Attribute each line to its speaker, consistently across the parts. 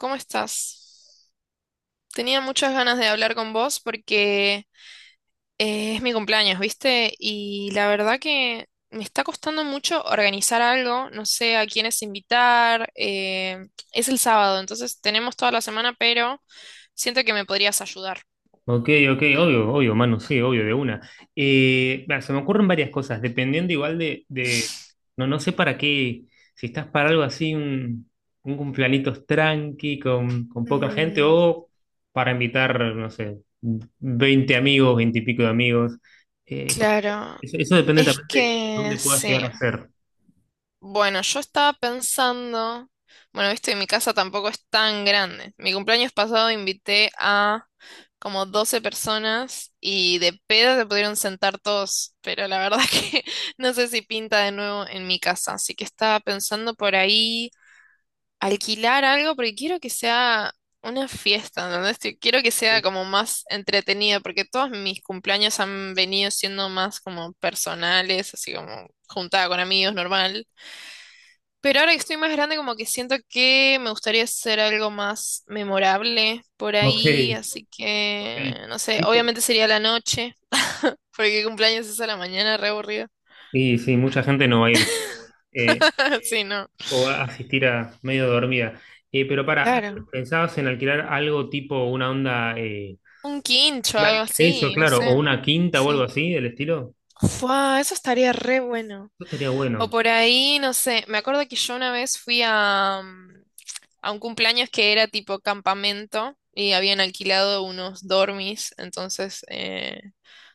Speaker 1: ¿Cómo estás? Tenía muchas ganas de hablar con vos porque es mi cumpleaños, ¿viste? Y la verdad que me está costando mucho organizar algo, no sé a quiénes invitar. Es el sábado, entonces tenemos toda la semana, pero siento que me podrías ayudar.
Speaker 2: Ok, mano, sí, obvio, de una. Se me ocurren varias cosas, dependiendo igual no, no sé para qué, si estás para algo así, un cumpleañitos tranqui, con poca gente,
Speaker 1: Mm,
Speaker 2: o para invitar, no sé, 20 amigos, 20 y pico de amigos. Porque
Speaker 1: claro,
Speaker 2: eso depende
Speaker 1: es
Speaker 2: también de
Speaker 1: que
Speaker 2: dónde puedas llegar
Speaker 1: sí.
Speaker 2: a ser.
Speaker 1: Bueno, yo estaba pensando, bueno, viste, mi casa tampoco es tan grande. Mi cumpleaños pasado invité a como 12 personas y de pedo se pudieron sentar todos, pero la verdad que no sé si pinta de nuevo en mi casa. Así que estaba pensando por ahí alquilar algo porque quiero que sea una fiesta, ¿entendés? Quiero que sea como más entretenida porque todos mis cumpleaños han venido siendo más como personales, así como juntada con amigos, normal. Pero ahora que estoy más grande, como que siento que me gustaría hacer algo más memorable por
Speaker 2: Ok,
Speaker 1: ahí, así
Speaker 2: ok.
Speaker 1: que, no sé,
Speaker 2: Tipo,
Speaker 1: obviamente sería la noche, porque cumpleaños es a la mañana, re aburrido.
Speaker 2: sí, sí, mucha gente no va a ir. Eh,
Speaker 1: Sí, no.
Speaker 2: O asistir a medio dormida. Pero
Speaker 1: Claro.
Speaker 2: ¿pensabas en alquilar algo tipo una onda,
Speaker 1: Un quincho, algo
Speaker 2: eso,
Speaker 1: así, no
Speaker 2: claro, o
Speaker 1: sé.
Speaker 2: una quinta o algo
Speaker 1: Sí.
Speaker 2: así del estilo?
Speaker 1: Fua, eso estaría re bueno.
Speaker 2: Eso estaría
Speaker 1: O
Speaker 2: bueno.
Speaker 1: por ahí, no sé, me acuerdo que yo una vez fui a, a un cumpleaños que era tipo campamento y habían alquilado unos dormis, entonces...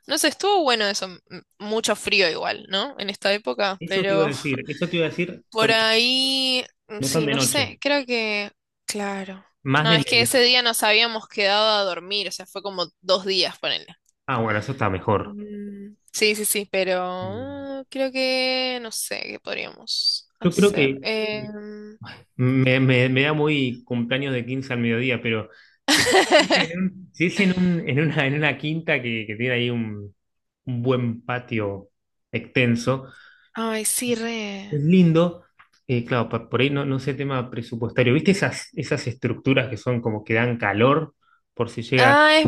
Speaker 1: No sé, estuvo bueno eso, mucho frío igual, ¿no? En esta época,
Speaker 2: Eso te iba a
Speaker 1: pero
Speaker 2: decir, eso te iba a decir
Speaker 1: por
Speaker 2: porque
Speaker 1: ahí,
Speaker 2: no están
Speaker 1: sí,
Speaker 2: de
Speaker 1: no sé,
Speaker 2: noche,
Speaker 1: creo que, claro.
Speaker 2: más
Speaker 1: No,
Speaker 2: de
Speaker 1: es que ese
Speaker 2: mediodía.
Speaker 1: día nos habíamos quedado a dormir, o sea, fue como 2 días, ponele.
Speaker 2: Ah, bueno, eso está mejor.
Speaker 1: Mm, sí, sí, sí, pero
Speaker 2: Mm.
Speaker 1: creo que, no sé, ¿qué podríamos
Speaker 2: Yo creo
Speaker 1: hacer?
Speaker 2: que me da muy cumpleaños de 15 al mediodía, pero eh, si es en si es en en en una quinta que tiene ahí un buen patio extenso.
Speaker 1: Ay, sí, re.
Speaker 2: Es lindo. Claro, por ahí no, no sé tema presupuestario. ¿Viste esas, esas estructuras que son como que dan calor por si llega?
Speaker 1: Ah, es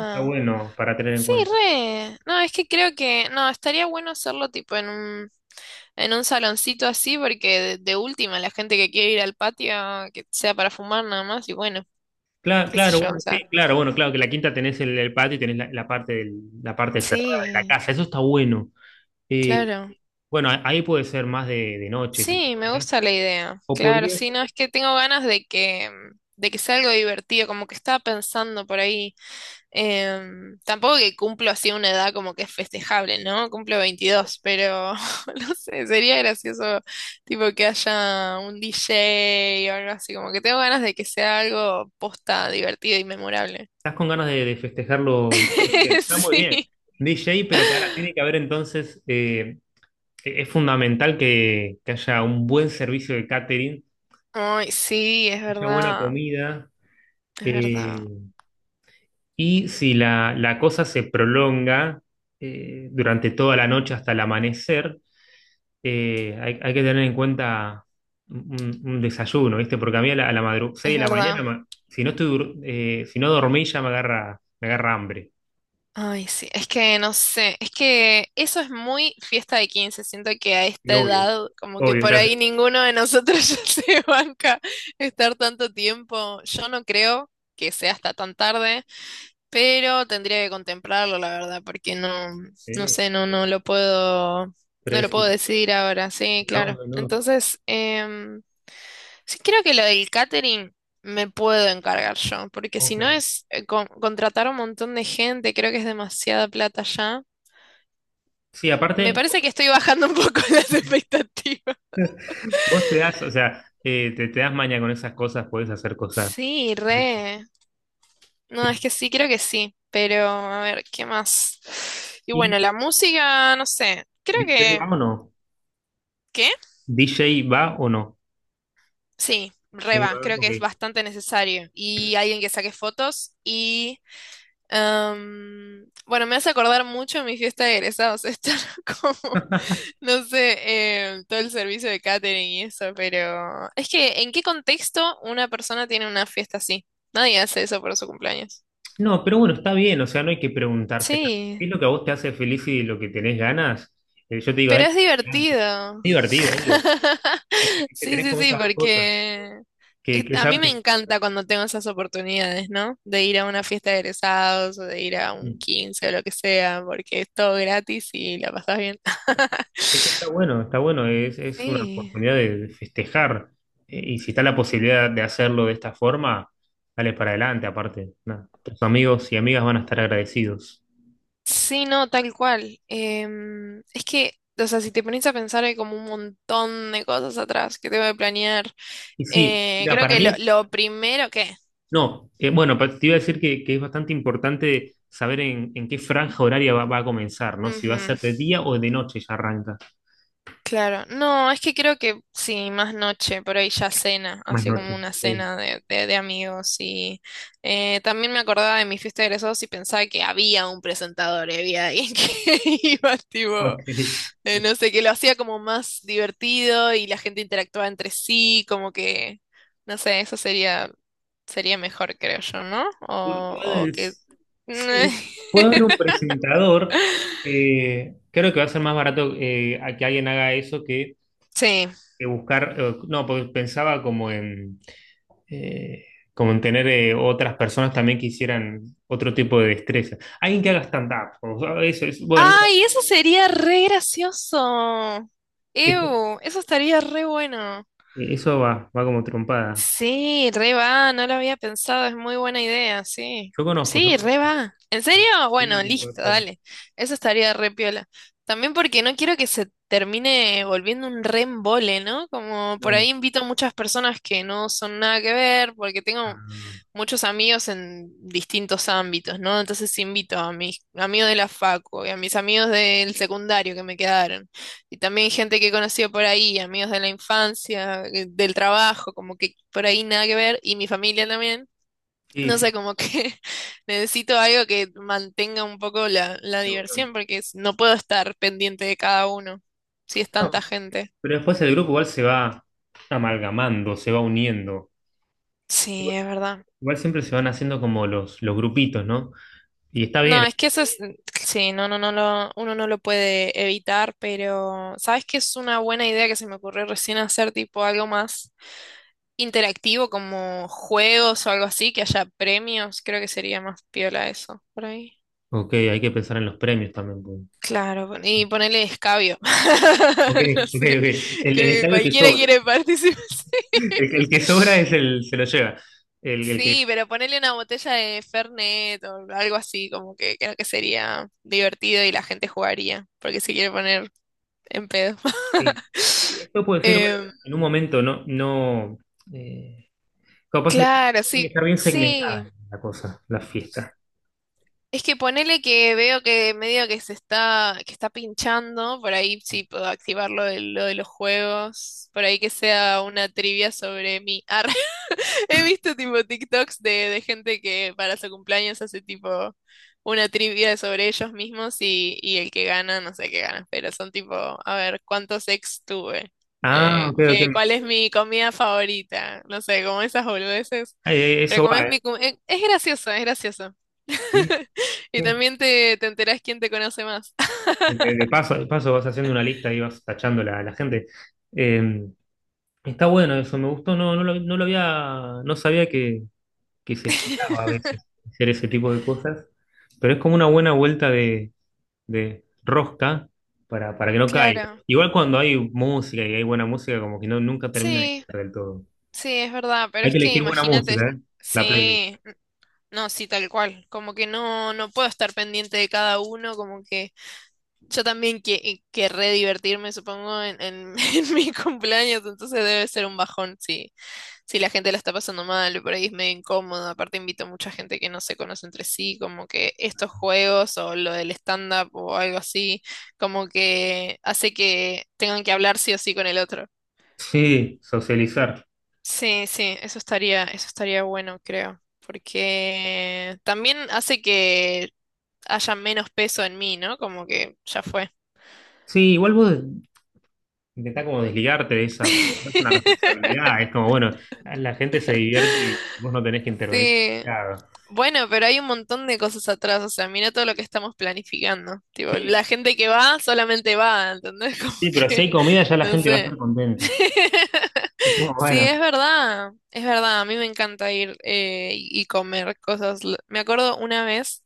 Speaker 2: Está bueno para tener en
Speaker 1: Sí,
Speaker 2: cuenta.
Speaker 1: re. No, es que creo que, no, estaría bueno hacerlo tipo en un... En un saloncito así, porque de última, la gente que quiere ir al patio, que sea para fumar nada más, y bueno,
Speaker 2: Claro,
Speaker 1: qué sé
Speaker 2: claro,
Speaker 1: yo,
Speaker 2: bueno,
Speaker 1: o
Speaker 2: sí,
Speaker 1: sea.
Speaker 2: claro, bueno, claro, que la quinta tenés el patio y tenés la parte la parte cerrada de la
Speaker 1: Sí,
Speaker 2: casa. Eso está bueno. Eh,
Speaker 1: claro.
Speaker 2: bueno, ahí puede ser más de noche, si
Speaker 1: Sí, me
Speaker 2: quieras.
Speaker 1: gusta la idea.
Speaker 2: O
Speaker 1: Claro, sí,
Speaker 2: podrías,
Speaker 1: no, es que tengo ganas de que sea algo divertido, como que estaba pensando por ahí. Tampoco que cumplo así una edad como que es festejable, ¿no? Cumplo 22 pero no sé, sería gracioso tipo que haya un DJ o algo así, como que tengo ganas de que sea algo posta, divertido y memorable.
Speaker 2: estás con ganas de festejarlo. Bien, bien, está muy bien.
Speaker 1: Sí.
Speaker 2: DJ, pero para tiene que haber entonces es fundamental que haya un buen servicio de catering,
Speaker 1: Ay, sí, es
Speaker 2: que haya buena
Speaker 1: verdad,
Speaker 2: comida,
Speaker 1: es verdad,
Speaker 2: eh, y si la cosa se prolonga durante toda la noche hasta el amanecer, hay, hay que tener en cuenta un desayuno, ¿viste? Porque a mí a madrugada, 6
Speaker 1: es
Speaker 2: de la mañana,
Speaker 1: verdad.
Speaker 2: si no estoy, si no dormí ya me agarra hambre.
Speaker 1: Ay, sí, es que no sé, es que eso es muy fiesta de 15. Siento que a
Speaker 2: Y
Speaker 1: esta
Speaker 2: obvio,
Speaker 1: edad como que
Speaker 2: obvio,
Speaker 1: por
Speaker 2: ya
Speaker 1: ahí
Speaker 2: sé.
Speaker 1: ninguno de nosotros ya se banca estar tanto tiempo, yo no creo que sea hasta tan tarde, pero tendría que contemplarlo, la verdad, porque no, no
Speaker 2: Eh,
Speaker 1: sé, no, no lo puedo,
Speaker 2: pero
Speaker 1: no lo puedo
Speaker 2: decir,
Speaker 1: decidir ahora, sí,
Speaker 2: no,
Speaker 1: claro.
Speaker 2: no, no.
Speaker 1: Entonces, sí, creo que lo del catering me puedo encargar yo, porque si
Speaker 2: Ok.
Speaker 1: no es contratar un montón de gente, creo que es demasiada plata ya.
Speaker 2: Sí,
Speaker 1: Me
Speaker 2: aparte.
Speaker 1: parece que estoy bajando un poco las expectativas.
Speaker 2: Vos te das, o sea, te das maña con esas cosas, podés hacer cosas
Speaker 1: Sí,
Speaker 2: ricas.
Speaker 1: re. No, es que sí, creo que sí, pero a ver, ¿qué más? Y
Speaker 2: ¿Y
Speaker 1: bueno, la música, no sé, creo
Speaker 2: DJ va
Speaker 1: que...
Speaker 2: o no?
Speaker 1: ¿Qué?
Speaker 2: ¿DJ va o no?
Speaker 1: Sí, re
Speaker 2: Sí,
Speaker 1: va,
Speaker 2: va,
Speaker 1: creo que
Speaker 2: ok.
Speaker 1: es bastante necesario. Y alguien que saque fotos y... bueno, me hace acordar mucho de mi fiesta de egresados, estar como... No sé, todo el servicio de catering y eso, pero es que, ¿en qué contexto una persona tiene una fiesta así? Nadie hace eso por su cumpleaños.
Speaker 2: No, pero bueno, está bien, o sea, no hay que preguntarse tanto. ¿Qué
Speaker 1: Sí,
Speaker 2: es lo que a vos te hace feliz y lo que tenés ganas? Yo te digo,
Speaker 1: pero
Speaker 2: dale,
Speaker 1: es
Speaker 2: para adelante. Es
Speaker 1: divertido.
Speaker 2: divertido, obvio. Es que
Speaker 1: Sí,
Speaker 2: tenés
Speaker 1: sí,
Speaker 2: como
Speaker 1: sí,
Speaker 2: esas dos cosas,
Speaker 1: porque
Speaker 2: que
Speaker 1: a mí
Speaker 2: sabes
Speaker 1: me encanta cuando tengo esas oportunidades, ¿no? De ir a una fiesta de egresados o de ir a
Speaker 2: que
Speaker 1: un 15 o lo que sea, porque es todo gratis y la pasas bien.
Speaker 2: es que está bueno, es una
Speaker 1: Sí.
Speaker 2: oportunidad de festejar. Y si está la posibilidad de hacerlo de esta forma, dale para adelante, aparte, nada, tus amigos y amigas van a estar agradecidos.
Speaker 1: Sí, no, tal cual. Es que, o sea, si te pones a pensar, hay como un montón de cosas atrás que tengo que planear.
Speaker 2: Y sí, mira,
Speaker 1: Creo
Speaker 2: para
Speaker 1: que
Speaker 2: mí,
Speaker 1: lo primero que...
Speaker 2: no, bueno, te iba a decir que es bastante importante saber en qué franja horaria va a comenzar, ¿no? Si va a
Speaker 1: Ujú,
Speaker 2: ser de día o de noche ya arranca.
Speaker 1: claro. No, es que creo que sí, más noche, por ahí ya cena,
Speaker 2: Más
Speaker 1: así
Speaker 2: noche.
Speaker 1: como una
Speaker 2: Ok.
Speaker 1: cena de amigos. Y también me acordaba de mi fiesta de egresados y pensaba que había un presentador y había alguien que iba, tipo.
Speaker 2: Ok.
Speaker 1: No sé, que lo hacía como más divertido y la gente interactuaba entre sí, como que, no sé, eso sería, sería mejor, creo yo, ¿no?
Speaker 2: Uno puede
Speaker 1: O que...
Speaker 2: decir- sí, puede haber un presentador. Creo que va a ser más barato a que alguien haga eso
Speaker 1: Sí.
Speaker 2: que buscar. No, porque pensaba como en, eh, como en tener otras personas también que hicieran otro tipo de destreza. Alguien que haga stand-up. O sea, eso es, bueno,
Speaker 1: ¡Ay, eso sería re gracioso!
Speaker 2: eso,
Speaker 1: ¡Ew! Eso estaría re bueno.
Speaker 2: eso va, va como trompada.
Speaker 1: Sí, re va, no lo había pensado, es muy buena idea, sí.
Speaker 2: Yo conozco, yo
Speaker 1: Sí, re
Speaker 2: conozco.
Speaker 1: va. ¿En serio?
Speaker 2: Sí,
Speaker 1: Bueno,
Speaker 2: ¿quién puede
Speaker 1: listo,
Speaker 2: ser?
Speaker 1: dale. Eso estaría re piola. También porque no quiero que se termine volviendo un re embole, ¿no? Como por
Speaker 2: No,
Speaker 1: ahí invito a muchas personas que no son nada que ver, porque tengo
Speaker 2: ah,
Speaker 1: muchos amigos en distintos ámbitos, ¿no? Entonces invito a mis amigos de la facu y a mis amigos del secundario que me quedaron. Y también gente que he conocido por ahí, amigos de la infancia, del trabajo, como que por ahí nada que ver, y mi familia también.
Speaker 2: sí,
Speaker 1: No sé,
Speaker 2: sí.
Speaker 1: como que necesito algo que mantenga un poco la
Speaker 2: La unión.
Speaker 1: diversión, porque no puedo estar pendiente de cada uno, si es tanta
Speaker 2: No,
Speaker 1: gente.
Speaker 2: pero después el grupo igual se va amalgamando, se va uniendo.
Speaker 1: Sí,
Speaker 2: Igual,
Speaker 1: es verdad.
Speaker 2: igual siempre se van haciendo como los grupitos, ¿no? Y está
Speaker 1: No,
Speaker 2: bien.
Speaker 1: es que eso es, sí, no, no, no lo, uno no lo puede evitar, pero ¿sabes qué es una buena idea que se me ocurrió recién hacer tipo algo más interactivo, como juegos o algo así, que haya premios? Creo que sería más piola eso, por ahí.
Speaker 2: Ok, hay que pensar en los premios también, pues.
Speaker 1: Claro, y ponerle escabio.
Speaker 2: Ok,
Speaker 1: No
Speaker 2: ok,
Speaker 1: sé,
Speaker 2: ok. El
Speaker 1: creo que
Speaker 2: estadio que
Speaker 1: cualquiera
Speaker 2: sobre.
Speaker 1: quiere participar.
Speaker 2: El que sobra es el, se lo lleva. El que.
Speaker 1: Sí, pero ponerle una botella de Fernet o algo así, como que creo que sería divertido y la gente jugaría, porque se quiere poner en pedo.
Speaker 2: Sí. Sí, esto puede ser bueno,
Speaker 1: Em,
Speaker 2: en un momento, no, no. eh, Capaz
Speaker 1: claro,
Speaker 2: tiene que
Speaker 1: sí,
Speaker 2: estar bien
Speaker 1: sí.
Speaker 2: segmentada la cosa, la fiesta.
Speaker 1: Es que ponele que veo que medio que se está, que está pinchando, por ahí sí puedo activar lo de los juegos, por ahí que sea una trivia sobre mí. Arre. He visto tipo TikToks de gente que para su cumpleaños hace tipo una trivia sobre ellos mismos y el que gana, no sé qué gana, pero son tipo, a ver, ¿cuántos ex tuve?
Speaker 2: Ah,
Speaker 1: Eh,
Speaker 2: ok, ok.
Speaker 1: ¿qué- Cuál es mi comida favorita? No sé, como esas boludeces. Pero
Speaker 2: Eso
Speaker 1: como es
Speaker 2: va, ¿eh?
Speaker 1: mi... Es gracioso, es gracioso.
Speaker 2: Sí.
Speaker 1: Y
Speaker 2: Sí.
Speaker 1: también te enterás quién te conoce más.
Speaker 2: De paso vas haciendo una lista y vas tachando la gente. Eh, Está bueno eso, me gustó, no, no lo, no lo había, no sabía que se estiraba a veces hacer ese tipo de cosas, pero es como una buena vuelta de rosca para que no caiga.
Speaker 1: Claro,
Speaker 2: Igual cuando hay música y hay buena música, como que no, nunca termina de
Speaker 1: sí,
Speaker 2: caer del todo.
Speaker 1: sí, es verdad, pero
Speaker 2: Hay que
Speaker 1: es que
Speaker 2: elegir buena
Speaker 1: imagínate,
Speaker 2: música, ¿eh? La playlist.
Speaker 1: sí, no, sí, tal cual, como que no, no puedo estar pendiente de cada uno, como que yo también querré divertirme, supongo, en, en mi cumpleaños, entonces debe ser un bajón si, si la gente la está pasando mal, por ahí es medio incómodo. Aparte invito a mucha gente que no se conoce entre sí, como que estos juegos o lo del stand-up o algo así, como que hace que tengan que hablar sí o sí con el otro.
Speaker 2: Sí, socializar.
Speaker 1: Sí, sí, eso estaría bueno, creo, porque también hace que haya menos peso en mí, ¿no? Como que ya fue.
Speaker 2: Sí, igual vos intenta como desligarte de esa, porque no es una responsabilidad. Es como, bueno, la gente se divierte y vos no tenés que intervenir
Speaker 1: Sí,
Speaker 2: demasiado.
Speaker 1: bueno, pero hay un montón de cosas atrás, o sea, mira todo lo que estamos planificando. Tipo, la
Speaker 2: Sí,
Speaker 1: gente que va solamente va, ¿entendés? Como
Speaker 2: sí, pero si
Speaker 1: que,
Speaker 2: hay comida ya la
Speaker 1: no
Speaker 2: gente va a
Speaker 1: sé.
Speaker 2: estar contenta. Es como,
Speaker 1: Sí,
Speaker 2: bueno,
Speaker 1: es verdad, a mí me encanta ir y comer cosas. Me acuerdo una vez,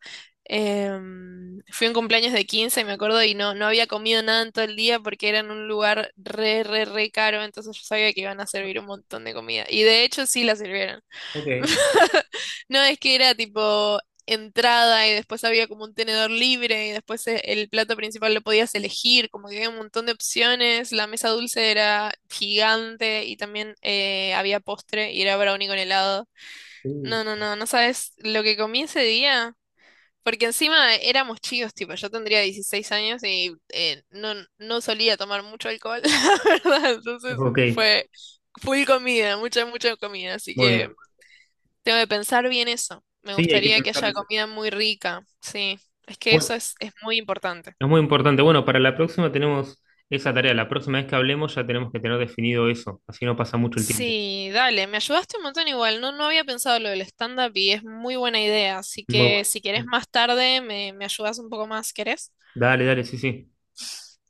Speaker 1: fui a un cumpleaños de 15, me acuerdo, y no, no había comido nada en todo el día porque era en un lugar re, re, re caro, entonces yo sabía que iban a servir un montón de comida. Y de hecho sí la sirvieron.
Speaker 2: ok,
Speaker 1: No, es que era tipo entrada y después había como un tenedor libre y después el plato principal lo podías elegir, como que había un montón de opciones, la mesa dulce era gigante y también había postre y era brownie con helado.
Speaker 2: sí,
Speaker 1: No, no, no, no sabes lo que comí ese día, porque encima éramos chicos, tipo, yo tendría 16 años y no, no solía tomar mucho alcohol, la verdad, entonces
Speaker 2: ok,
Speaker 1: fue full comida, mucha, mucha comida, así
Speaker 2: muy bien.
Speaker 1: que... Tengo que pensar bien eso. Me
Speaker 2: Sí, hay que
Speaker 1: gustaría que
Speaker 2: pensar
Speaker 1: haya
Speaker 2: eso.
Speaker 1: comida muy rica. Sí, es que eso
Speaker 2: Bueno,
Speaker 1: es muy importante.
Speaker 2: es muy importante. Bueno, para la próxima tenemos esa tarea. La próxima vez que hablemos ya tenemos que tener definido eso. Así no pasa mucho el tiempo.
Speaker 1: Sí, dale, me ayudaste un montón igual. No, no había pensado lo del stand-up y es muy buena idea. Así
Speaker 2: Muy
Speaker 1: que
Speaker 2: bueno.
Speaker 1: si querés más tarde, me ayudas un poco más, ¿querés?
Speaker 2: Dale, dale, sí, sí.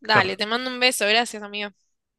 Speaker 1: Dale,
Speaker 2: Chao.
Speaker 1: te mando un beso. Gracias, amigo.